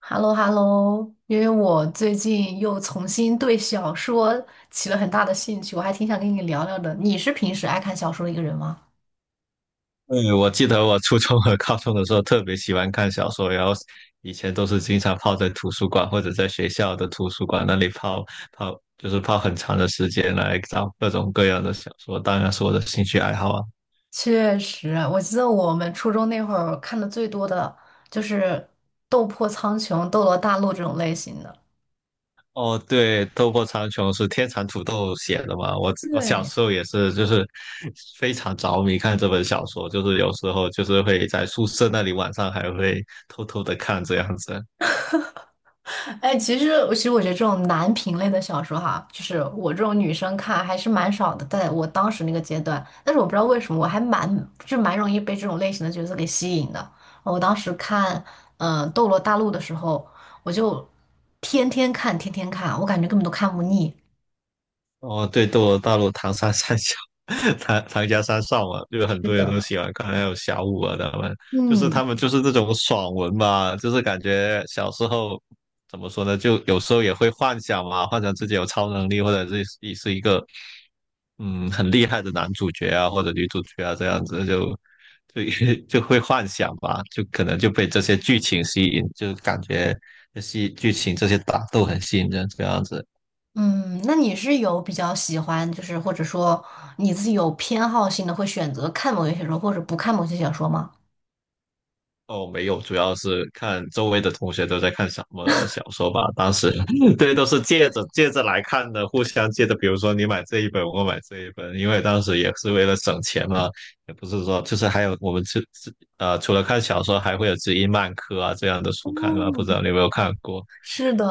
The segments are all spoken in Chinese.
h e l l o h e l l o。 因为我最近又重新对小说起了很大的兴趣，我还挺想跟你聊聊的。你是平时爱看小说的一个人吗？对，我记得我初中和高中的时候特别喜欢看小说，然后以前都是经常泡在图书馆或者在学校的图书馆那里泡，就是泡很长的时间来找各种各样的小说，当然是我的兴趣爱好啊。确实，我记得我们初中那会儿看的最多的就是《斗破苍穹》《斗罗大陆》这种类型的。哦，对，《斗破苍穹》是天蚕土豆写的嘛？我小对。时候也是，就是非常着迷看这本小说，就是有时候就是会在宿舍那里晚上还会偷偷的看这样子。哎，其实我觉得这种男频类的小说哈，就是我这种女生看还是蛮少的，在我当时那个阶段。但是我不知道为什么，我就蛮容易被这种类型的角色给吸引的。我当时看斗罗大陆》的时候，我就天天看，天天看，我感觉根本都看不腻。哦，对，斗罗大陆唐三三小，唐家三少嘛，就很是多人都的。喜欢看，还有小五啊，他们就是嗯他们就是这种爽文吧，就是感觉小时候怎么说呢，就有时候也会幻想嘛，幻想自己有超能力，或者是自己是一个很厉害的男主角啊，或者女主角啊，这样子就 就会幻想吧，就可能就被这些剧情吸引，就感觉这些剧情这些打斗很吸引人，这样子。嗯。那你是有比较喜欢，就是或者说你自己有偏好性的，会选择看某些小说或者不看某些小说吗？哦，没有，主要是看周围的同学都在看什么小说吧。当时，对，都是借着来看的，互相借着。比如说你买这一本，我买这一本，因为当时也是为了省钱嘛，也不是说就是还有我们自自呃，除了看小说，还会有知音漫客啊这样的书看啊。不知哦，道你有没有看过？是的，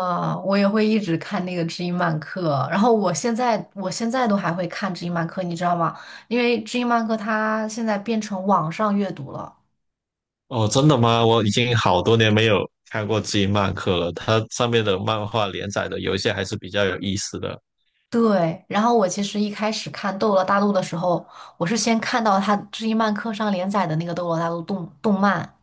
我也会一直看那个知音漫客，然后我现在都还会看知音漫客，你知道吗？因为知音漫客它现在变成网上阅读了。哦，真的吗？我已经好多年没有看过知音漫客了。它上面的漫画连载的有一些还是比较有意思的。对，然后我其实一开始看《斗罗大陆》的时候，我是先看到它知音漫客上连载的那个《斗罗大陆》动漫。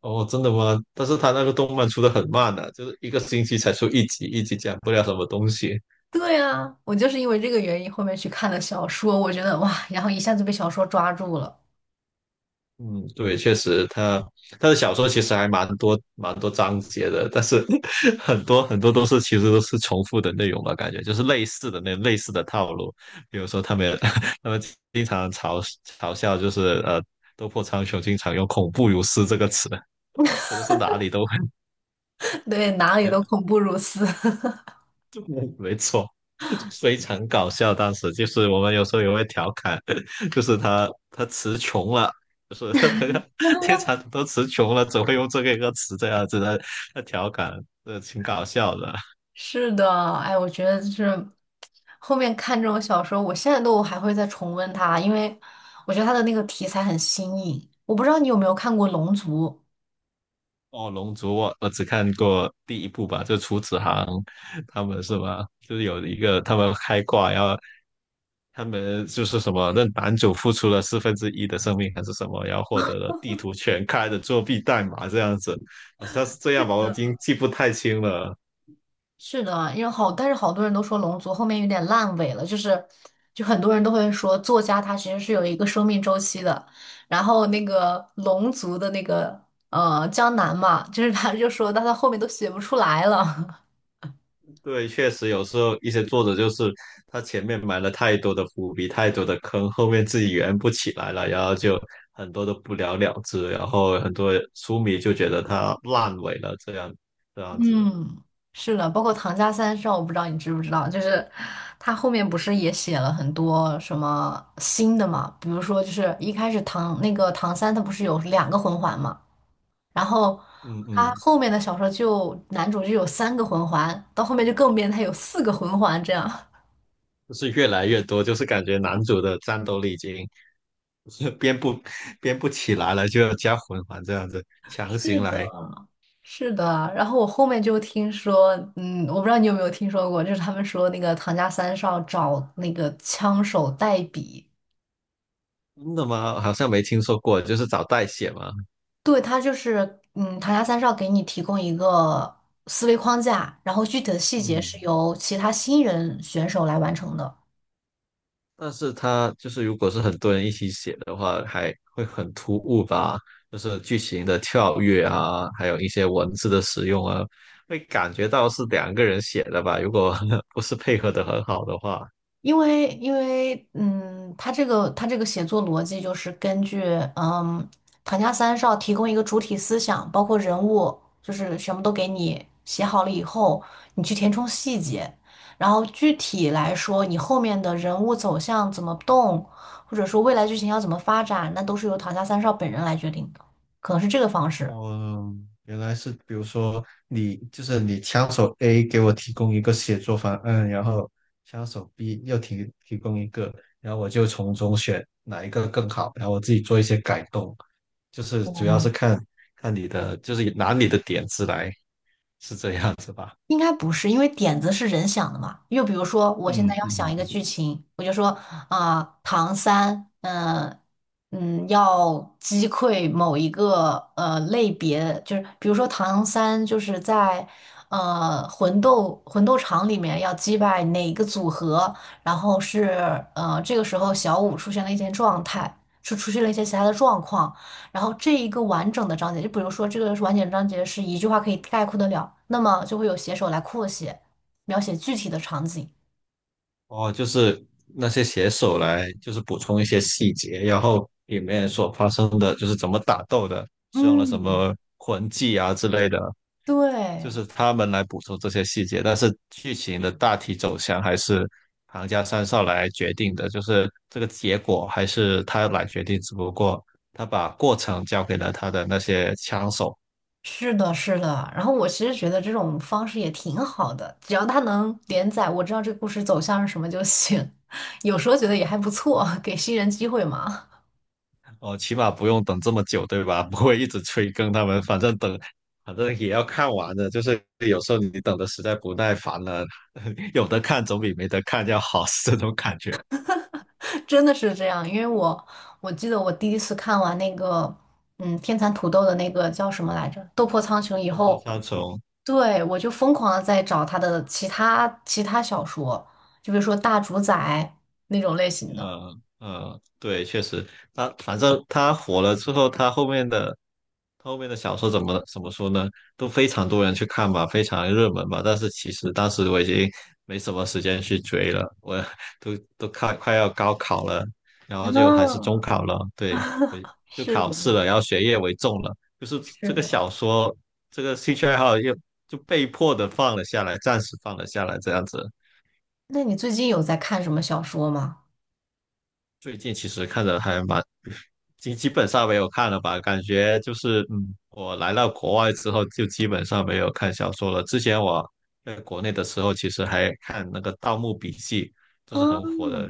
哦，真的吗？但是他那个动漫出的很慢的，就是一个星期才出一集，一集讲不了什么东西。对啊，我就是因为这个原因后面去看了小说，我觉得哇，然后一下子被小说抓住了。嗯，对，确实他的小说其实还蛮多蛮多章节的，但是 很多很多都是其实都是重复的内容吧，感觉就是类似的套路。比如说他们 他们经常嘲笑，就是斗破苍穹经常用"恐怖如斯"这个词，真的是哪里都会，对，哪里都恐怖如斯。没错。非常搞笑。当时就是我们有时候也会调侃，就是他词穷了，就是 他他他天蚕都词穷了，只会用这个一个词这样子的他调侃，挺搞笑的。是的。哎，我觉得就是后面看这种小说，我现在都还会再重温它，因为我觉得它的那个题材很新颖。我不知道你有没有看过《龙族》？哦，《龙族》我只看过第一部吧，就楚子航他们是吧？就是有一个他们开挂，然后他们就是什么，那男主付出了四分之一的生命还是什么，然后获得了地图全开的作弊代码这样子，好像是这样吧，我已经记不太清了。是的，因为好，但是好多人都说《龙族》后面有点烂尾了，就是很多人都会说作家他其实是有一个生命周期的，然后那个龙族的那个江南嘛，就是他就说到他后面都写不出来了。对，确实有时候一些作者就是他前面埋了太多的伏笔，太多的坑，后面自己圆不起来了，然后就很多都不了了之，然后很多书迷就觉得他烂尾了，这样子，嗯，是的，包括《唐家三少》，我不知道你知不知道，就是他后面不是也写了很多什么新的嘛？比如说，就是一开始唐那个唐三他不是有两个魂环嘛，然后嗯他嗯，后面的小说就男主就有三个魂环，到后面就更变态，有四个魂环这样。就是越来越多，就是感觉男主的战斗力已经 就是编不起来了，就要加魂环这样子强是行的。来，是的，然后我后面就听说，嗯，我不知道你有没有听说过，就是他们说那个唐家三少找那个枪手代笔。真的吗？好像没听说过，就是找代写嘛，对，它就是，嗯，唐家三少给你提供一个思维框架，然后具体的细节是嗯。由其他新人选手来完成的。但是它就是如果是很多人一起写的话，还会很突兀吧？就是剧情的跳跃啊，还有一些文字的使用啊，会感觉到是两个人写的吧？如果 不是配合的很好的话。因为他这个写作逻辑就是根据嗯唐家三少提供一个主体思想，包括人物，就是全部都给你写好了以后，你去填充细节，然后具体来说，你后面的人物走向怎么动，或者说未来剧情要怎么发展，那都是由唐家三少本人来决定的，可能是这个方式。哦，原来是，比如说你就是你枪手 A 给我提供一个写作方案，然后枪手 B 又提供一个，然后我就从中选哪一个更好，然后我自己做一些改动，就是主要是嗯。看看你的，就是拿你的点子来，是这样子吧？应该不是，因为点子是人想的嘛。又比如说，我现在嗯要想嗯，一个剧情，我就说唐三，要击溃某一个类别，就是比如说唐三就是在魂斗场里面要击败哪个组合，然后是这个时候小舞出现了一些状态，出现了一些其他的状况。然后这一个完整的章节，就比如说这个是完整章节是一句话可以概括得了，那么就会有写手来扩写，描写具体的场景。哦，就是那些写手来，就是补充一些细节，然后里面所发生的，就是怎么打斗的，使用了什嗯，么魂技啊之类的。就对，是他们来补充这些细节，但是剧情的大体走向还是行家三少来决定的，就是这个结果还是他来决定，只不过他把过程交给了他的那些枪手，是的，是的。然后我其实觉得这种方式也挺好的，只要它能连载，我知道这个故事走向是什么就行。有时候觉得也还不错，给新人机会嘛。哦，起码不用等这么久，对吧？不会一直催更他们，反正等，反正也要看完的，就是有时候你等的实在不耐烦了，有的看总比没得看要好，是这种感觉。真的是这样，因为我记得我第一次看完那个，嗯，天蚕土豆的那个叫什么来着，《斗破苍穹》以《斗破后，苍穹》对，我就疯狂的在找他的其他小说，就比如说《大主宰》那种类型的。嗯嗯，对，确实，反正他火了之后，他后面的小说怎么说呢？都非常多人去看吧，非常热门吧。但是其实当时我已经没什么时间去追了，我 都快要高考了，然后就还是中嗯。考了，对，就是考的，试了，然后学业为重了，就是是这个的。小说这个兴趣爱好就被迫的放了下来，暂时放了下来，这样子。那你最近有在看什么小说吗？最近其实看着还蛮基基本上没有看了吧？感觉就是，我来到国外之后就基本上没有看小说了。之前我在国内的时候，其实还看那个《盗墓笔记》，就是很嗯，火的，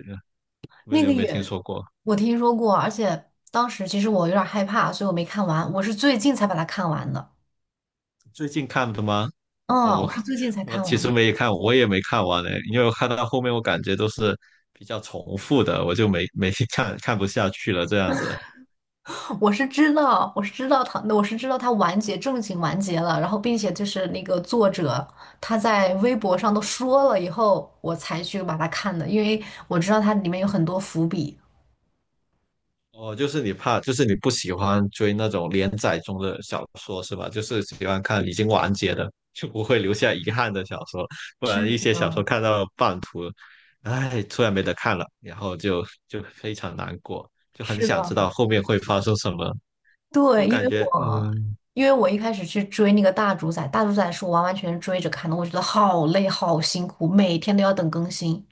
不知那你个有没有听也说过？我听说过，而且当时其实我有点害怕，所以我没看完，我是最近才把它看完的。最近看的吗？呃嗯，我我是最近才我看完其实的。没看，我也没看完嘞，因为我看到后面我感觉都是比较重复的，我就没没 看不下去了这样子。我是知道，我是知道他，我是知道他完结，正经完结了，然后并且就是那个作者他在微博上都说了以后，我才去把它看的，因为我知道它里面有很多伏笔。哦，就是你怕，就是你不喜欢追那种连载中的小说是吧？就是喜欢看已经完结的，就不会留下遗憾的小说。不是然一些小说的，看到半途，哎，突然没得看了，然后就非常难过，就很是的，想知道后面会发生什么。就对，因为感觉，我因为我一开始去追那个大主宰，大主宰是我完完全全追着看的，我觉得好累好辛苦，每天都要等更新。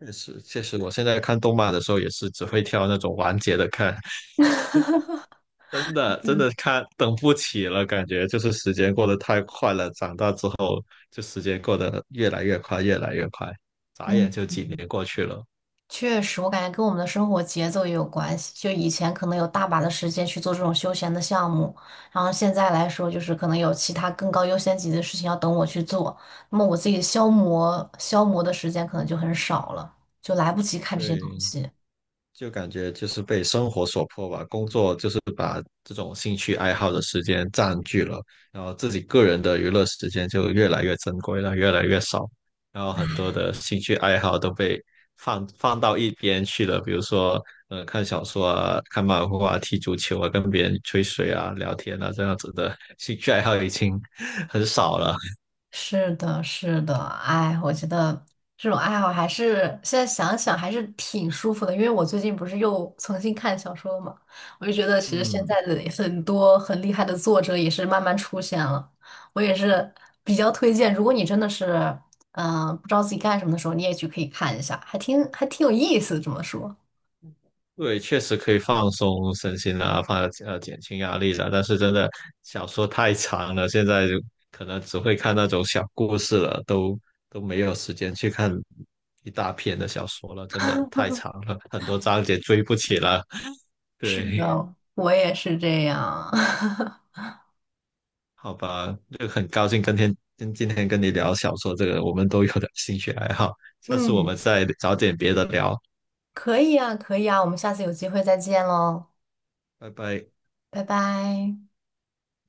确实确实，我现在看动漫的时候也是只会挑那种完结的看，真的真的看等不起了，感觉就是时间过得太快了。长大之后，就时间过得越来越快，越来越快，眨眼嗯，就几年过去了。确实，我感觉跟我们的生活节奏也有关系。就以前可能有大把的时间去做这种休闲的项目，然后现在来说，就是可能有其他更高优先级的事情要等我去做，那么我自己消磨消磨的时间可能就很少了，就来不及看这些东对，西。就感觉就是被生活所迫吧，工作就是把这种兴趣爱好的时间占据了，然后自己个人的娱乐时间就越来越珍贵了，越来越少，然后很多的兴趣爱好都被放到一边去了，比如说，看小说啊，看漫画啊，踢足球啊，跟别人吹水啊，聊天啊，这样子的兴趣爱好已经 很少了。是的，是的，哎，我觉得这种爱好还是现在想想还是挺舒服的，因为我最近不是又重新看小说了嘛，我就觉得 其实现嗯，在的很多很厉害的作者也是慢慢出现了，我也是比较推荐，如果你真的是不知道自己干什么的时候，你也去可以看一下，还挺有意思，这么说。对，确实可以放松身心啊，减轻压力啊。但是真的小说太长了，现在就可能只会看那种小故事了，都没有时间去看一大篇的小说了，真的太长了，很多章节追不起了。是对，的，我也是这样。好吧，就很高兴跟天今今天跟你聊小说这个我们都有的兴趣爱好，下次我嗯，们再找点别的聊，可以啊，可以啊，我们下次有机会再见喽，拜拜。拜拜。